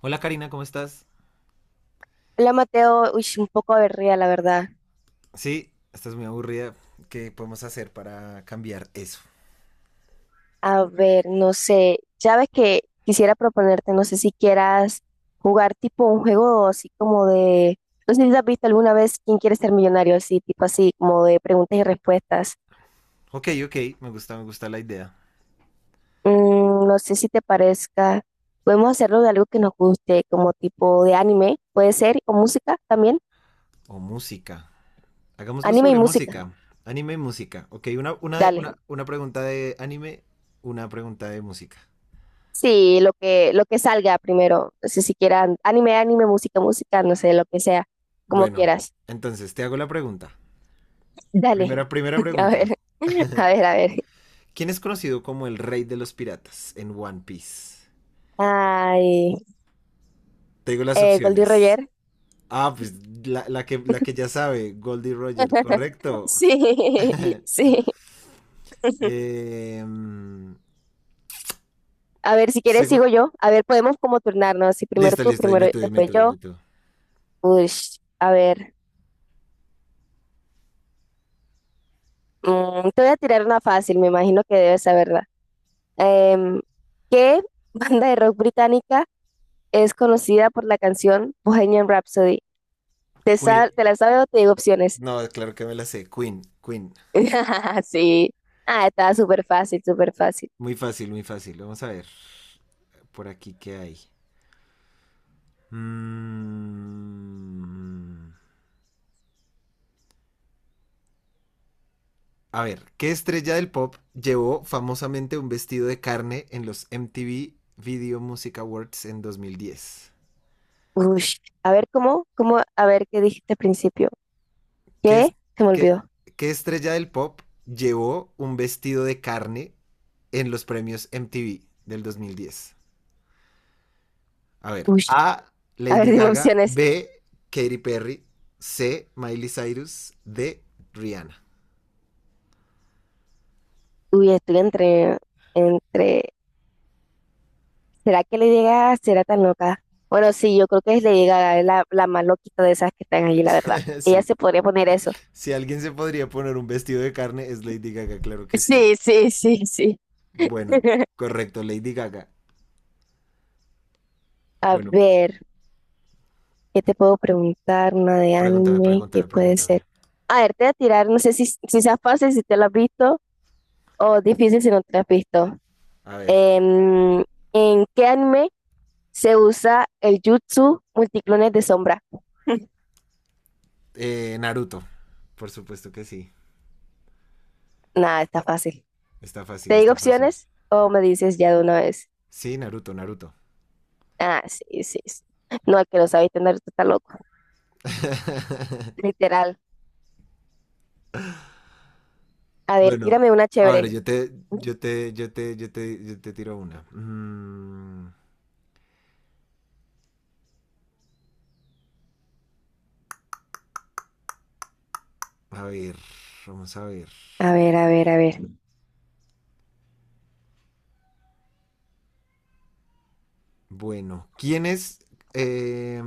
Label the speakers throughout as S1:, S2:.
S1: Hola Karina, ¿cómo estás?
S2: Hola Mateo, uy, un poco aburrida la verdad.
S1: Sí, estás muy aburrida. ¿Qué podemos hacer para cambiar eso?
S2: A ver, no sé, ya ves que quisiera proponerte, no sé si quieras jugar tipo un juego así como de, no sé si has visto alguna vez quién quiere ser millonario, así tipo así como de preguntas y respuestas.
S1: Ok, ok, me gusta la idea.
S2: No sé si te parezca, podemos hacerlo de algo que nos guste, como tipo de anime, puede ser, o música también,
S1: O música. Hagámoslo
S2: anime y
S1: sobre
S2: música,
S1: música. Anime y música. Ok,
S2: dale.
S1: una pregunta de anime, una pregunta de música.
S2: Sí, lo que salga primero, no si quieran anime, anime, música, música, no sé, lo que sea, como
S1: Bueno,
S2: quieras.
S1: entonces te hago la pregunta.
S2: Dale.
S1: Primera
S2: A
S1: pregunta.
S2: ver, a ver, a ver.
S1: ¿Quién es conocido como el rey de los piratas en One Piece?
S2: Ay,
S1: Te digo las
S2: Goldie
S1: opciones.
S2: Roger.
S1: Ah, pues la que ya sabe, Goldie Roger, correcto.
S2: Sí, sí.
S1: Eh, mm,
S2: A ver, si quieres sigo
S1: segun-
S2: yo. A ver, podemos como turnarnos. Así primero
S1: Listo,
S2: tú,
S1: listo,
S2: primero
S1: dime tú, dime
S2: después
S1: tú,
S2: yo.
S1: dime tú.
S2: Uy, a ver. Te voy a tirar una fácil, me imagino que debes saberla. Em, ¿Qué banda de rock británica es conocida por la canción Bohemian Rhapsody? Te,
S1: Queen.
S2: sal- te la sabes o te digo opciones.
S1: No, claro que me la sé. Queen, Queen.
S2: Sí. Ah, estaba súper fácil, súper fácil.
S1: Muy fácil, muy fácil. Vamos a ver. Por aquí, ¿qué hay? Mm, A ver, ¿qué estrella del pop llevó famosamente un vestido de carne en los MTV Video Music Awards en 2010?
S2: Ush. A ver, ¿cómo? ¿Cómo? A ver, ¿qué dijiste al principio?
S1: ¿Qué, es-
S2: ¿Qué? Se me
S1: qué-
S2: olvidó.
S1: ¿Qué estrella del pop llevó un vestido de carne en los premios MTV del 2010? A ver,
S2: Ush.
S1: A,
S2: A ver,
S1: Lady
S2: dime
S1: Gaga,
S2: opciones.
S1: B, Katy Perry, C, Miley Cyrus, D, Rihanna.
S2: Uy, estoy entre. ¿Será que le llega? ¿Será tan loca? Bueno, sí, yo creo que es le llega la más loquita de esas que están allí, la verdad. Ella
S1: Sí,
S2: se podría poner eso.
S1: si alguien se podría poner un vestido de carne es Lady Gaga, claro que sí.
S2: Sí, sí, sí, sí.
S1: Bueno, correcto, Lady Gaga.
S2: A
S1: Bueno,
S2: ver. ¿Qué te puedo preguntar? Una de
S1: pregúntame,
S2: anime, ¿qué
S1: pregúntame,
S2: puede
S1: pregúntame.
S2: ser? A ver, te voy a tirar, no sé si sea fácil, si te lo has visto, o difícil si no te lo has visto.
S1: A ver,
S2: Em, ¿En qué anime se usa el jutsu multiclones de sombra?
S1: Naruto, por supuesto que sí.
S2: Nada, está fácil.
S1: Está
S2: ¿Te
S1: fácil,
S2: digo
S1: está fácil.
S2: opciones o me dices ya de una vez?
S1: Sí, Naruto, Naruto.
S2: Ah, sí, sí, sí. No, el que lo sabe tener está loco. Literal. A ver,
S1: Bueno,
S2: tírame una
S1: a ver,
S2: chévere.
S1: yo te tiro una. A ver, vamos a ver.
S2: A ver, a ver, a ver.
S1: Bueno, ¿quién es? eh,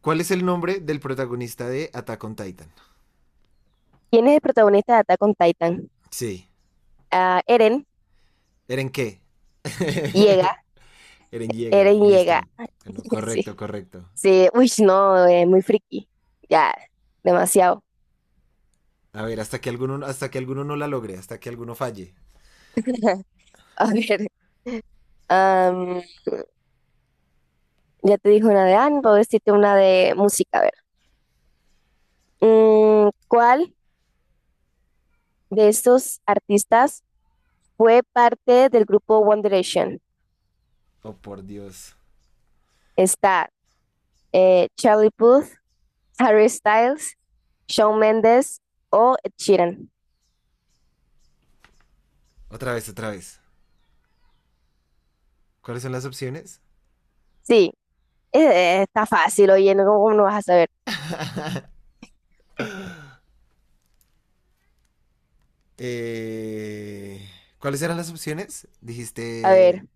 S1: ¿Cuál es el nombre del protagonista de Attack on Titan?
S2: ¿Quién es el protagonista de Attack on Titan?
S1: Sí,
S2: Ah, Eren,
S1: ¿Eren qué? Eren Yeager,
S2: Eren llega.
S1: listo. Bueno,
S2: Sí.
S1: correcto, correcto.
S2: Sí, uy, no, muy friki. Ya, demasiado.
S1: A ver, hasta que alguno no la logre, hasta que alguno falle.
S2: A ver, am, ya te dije una de Anne, puedo decirte una de música. A ver, ¿cuál de estos artistas fue parte del grupo One Direction?
S1: Oh, por Dios.
S2: Está Charlie Puth, Harry Styles, Shawn Mendes o Ed Sheeran.
S1: Otra vez, otra vez. ¿Cuáles son las opciones?
S2: Sí, está fácil, oye, ¿cómo no vas a saber?
S1: Eh, ¿Cuáles eran las opciones?
S2: A
S1: Dijiste
S2: ver,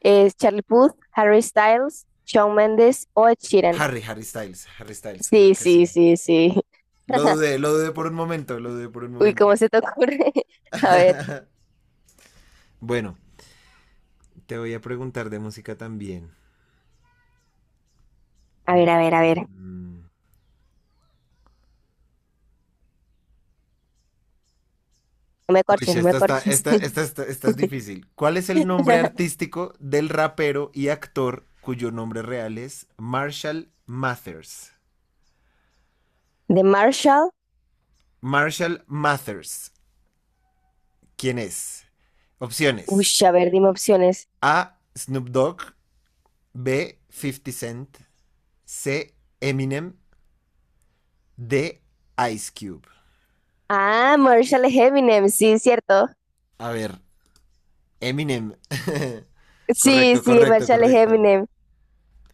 S2: es Charlie Puth, Harry Styles, Shawn Mendes o Ed Sheeran.
S1: Harry, Harry Styles, Harry Styles, claro
S2: Sí,
S1: que
S2: sí,
S1: sí.
S2: sí, sí.
S1: Lo dudé por un momento, lo dudé por un
S2: Uy,
S1: momento.
S2: ¿cómo se te ocurre? A ver,
S1: Bueno, te voy a preguntar de música también.
S2: a ver, a ver, a ver.
S1: Mm.
S2: No me
S1: Uy,
S2: corches, no me corches.
S1: esta es difícil. ¿Cuál es el nombre artístico del rapero y actor cuyo nombre real es Marshall Mathers?
S2: De Marshall.
S1: Marshall Mathers, ¿quién es?
S2: Uy,
S1: Opciones.
S2: a ver, dime opciones.
S1: A, Snoop Dogg. B, 50 Cent. C, Eminem. D, Ice Cube.
S2: Ah, Marshall es Eminem, sí, cierto.
S1: A ver, Eminem.
S2: Sí,
S1: correcto,
S2: sí,
S1: correcto,
S2: Marshall es
S1: correcto.
S2: Eminem.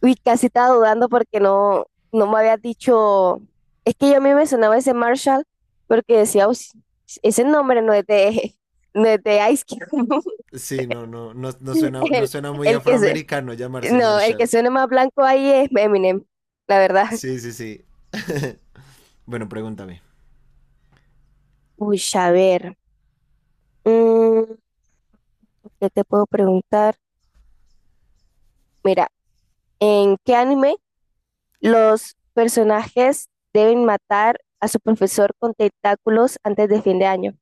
S2: Uy, casi estaba dudando porque no, no me había dicho. Es que yo a mí me sonaba ese Marshall porque decía, "Uy, ese nombre no es de, no es de Ice Cube."
S1: Sí, no, no, no, no
S2: El,
S1: suena muy
S2: el que se,
S1: afroamericano llamarse
S2: no, el que
S1: Marshall.
S2: suena más blanco ahí es Eminem, la verdad.
S1: Sí, sí, sí. Bueno, pregúntame.
S2: Uy, a ver, mm, ¿qué te puedo preguntar? Mira, ¿en qué anime los personajes deben matar a su profesor con tentáculos antes de fin de año?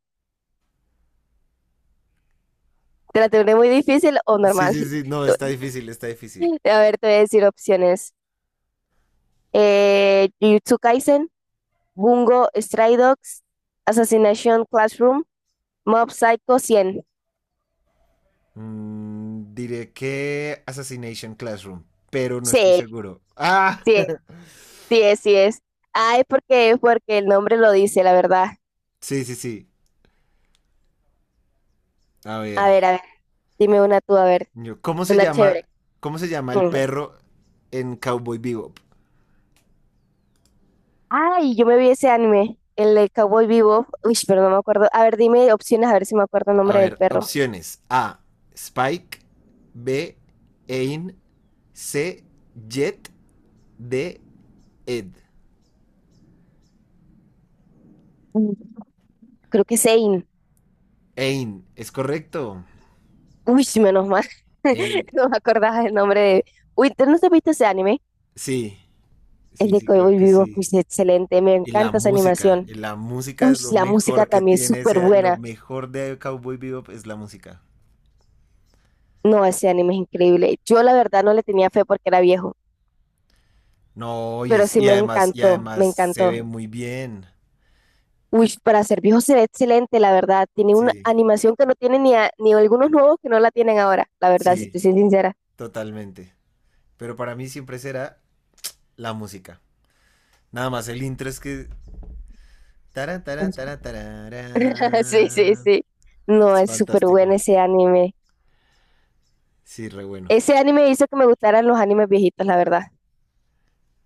S2: ¿Te la tendré muy difícil o
S1: Sí,
S2: normal?
S1: sí, sí, no, está difícil, está difícil.
S2: A ver, te voy a decir opciones. Jujutsu Kaisen, Bungo Stray Dogs, Assassination Classroom, Mob Psycho 100.
S1: Diré que Assassination Classroom, pero no estoy
S2: Sí,
S1: seguro. Ah,
S2: sí, sí es, sí es. Ay, porque el nombre lo dice, la verdad.
S1: sí, sí, sí. A ver,
S2: A ver, dime una tú, a ver,
S1: yo- ¿cómo se
S2: una chévere.
S1: llama, cómo se llama el
S2: Mm.
S1: perro en Cowboy Bebop?
S2: Ay, yo me vi ese anime, el de Cowboy Vivo. Uy, pero no me acuerdo. A ver, dime opciones, a ver si me acuerdo el
S1: A
S2: nombre del
S1: ver,
S2: perro.
S1: opciones. A, Spike. B, Ain. C, Jet. D, Ed.
S2: Mm, Creo que es Zane.
S1: Ain. ¿Es correcto?
S2: Uy, menos mal.
S1: Ain.
S2: No me acordaba el nombre de... Uy, ¿tú no te viste ese anime?
S1: Sí.
S2: El
S1: Sí,
S2: de
S1: sí, claro
S2: Cowboy
S1: que
S2: Vivo,
S1: sí.
S2: pues excelente, me encanta esa animación.
S1: Y la música
S2: Uy,
S1: es lo
S2: la música
S1: mejor que
S2: también es
S1: tiene.
S2: súper
S1: Ese, lo
S2: buena.
S1: mejor de Cowboy Bebop es la música.
S2: No, ese anime es increíble. Yo la verdad no le tenía fe porque era viejo.
S1: No,
S2: Pero sí me
S1: y
S2: encantó, me
S1: además se ve
S2: encantó.
S1: muy bien.
S2: Uy, para ser viejo se ve excelente, la verdad. Tiene una
S1: Sí,
S2: animación que no tiene ni, ni algunos nuevos que no la tienen ahora, la verdad, si
S1: sí,
S2: te soy sincera.
S1: totalmente. Pero para mí siempre será la música. Nada más el intro es que tará, tará, tará,
S2: Sí, sí,
S1: tarará.
S2: sí. No,
S1: Es
S2: es súper
S1: fantástico.
S2: bueno ese anime.
S1: Sí, re bueno.
S2: Ese anime hizo que me gustaran los animes viejitos, la verdad,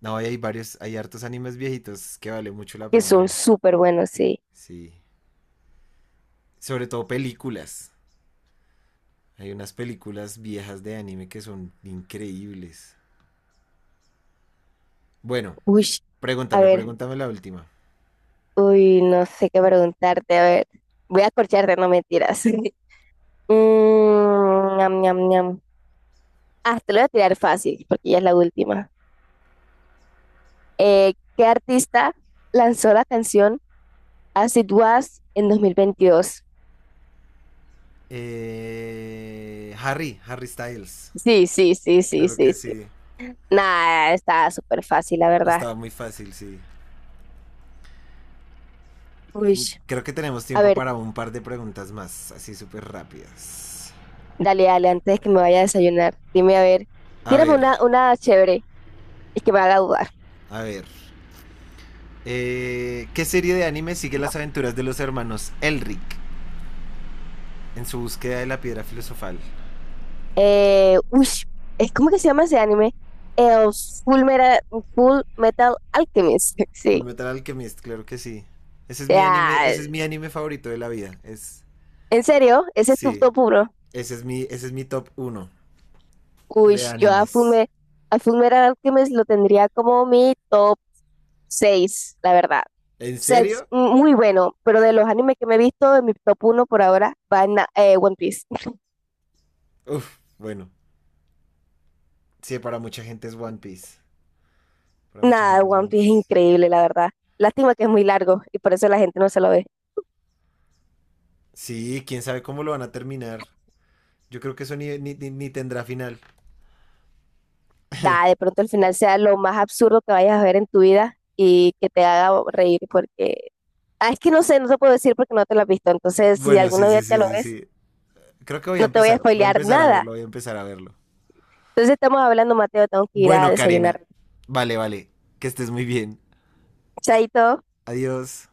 S1: No, y hay varios, hay hartos animes viejitos que vale mucho la
S2: que
S1: pena
S2: son
S1: ver.
S2: súper buenos, sí.
S1: Sí. Sobre todo películas. Hay unas películas viejas de anime que son increíbles. Bueno,
S2: Uy, a
S1: pregúntame,
S2: ver,
S1: pregúntame la última.
S2: uy, no sé qué preguntarte, a ver. Voy a corcharte, no mentiras. Ñam, ñam, ñam. Ah, te lo voy a tirar fácil, porque ya es la última. ¿Qué artista lanzó la canción As It Was en 2022?
S1: Harry, Harry Styles.
S2: Sí, sí, sí, sí,
S1: Claro
S2: sí,
S1: que
S2: sí.
S1: sí.
S2: Nada, está súper fácil, la verdad.
S1: Estaba muy fácil, sí.
S2: Uy,
S1: Creo que tenemos
S2: a
S1: tiempo
S2: ver,
S1: para un par de preguntas más, así súper rápidas.
S2: dale, dale, antes de que me vaya a desayunar, dime, a ver,
S1: A
S2: tírame
S1: ver.
S2: una chévere y que me haga dudar.
S1: A ver. ¿Qué serie de anime sigue las aventuras de los hermanos Elric en su búsqueda de la piedra filosofal?
S2: Uy, es ¿cómo que se llama ese anime? El Full Metal, Full Metal Alchemist.
S1: Full
S2: Sí.
S1: Metal Alchemist, claro que sí. Ese es mi anime,
S2: Ya,
S1: ese es mi anime favorito de la vida. Es,
S2: ¿en serio? ¿Ese es tu
S1: sí,
S2: top uno?
S1: ese es mi top uno
S2: Uy,
S1: de
S2: yo
S1: animes.
S2: A Fullmetal Alchemist lo tendría como mi top 6, la verdad.
S1: ¿En
S2: O sea, es
S1: serio?
S2: muy bueno, pero de los animes que me he visto, en mi top uno por ahora va One Piece.
S1: Uf, bueno. Sí, para mucha gente es One Piece. Para mucha
S2: Nada,
S1: gente es
S2: One
S1: One
S2: Piece es
S1: Piece.
S2: increíble, la verdad. Lástima que es muy largo y por eso la gente no se lo ve.
S1: Sí, quién sabe cómo lo van a terminar. Yo creo que eso ni tendrá final.
S2: Nada, de pronto al final sea lo más absurdo que vayas a ver en tu vida y que te haga reír porque... Ah, es que no sé, no te puedo decir porque no te lo has visto. Entonces, si
S1: Bueno, sí,
S2: alguna
S1: sí,
S2: vez te
S1: sí,
S2: lo
S1: sí,
S2: ves,
S1: sí. Creo que
S2: no te voy a spoilear nada.
S1: voy a empezar a verlo.
S2: Entonces estamos hablando, Mateo, tengo que ir a
S1: Bueno,
S2: desayunar.
S1: Karina, vale, vale, que estés muy bien.
S2: Chaito.
S1: Adiós.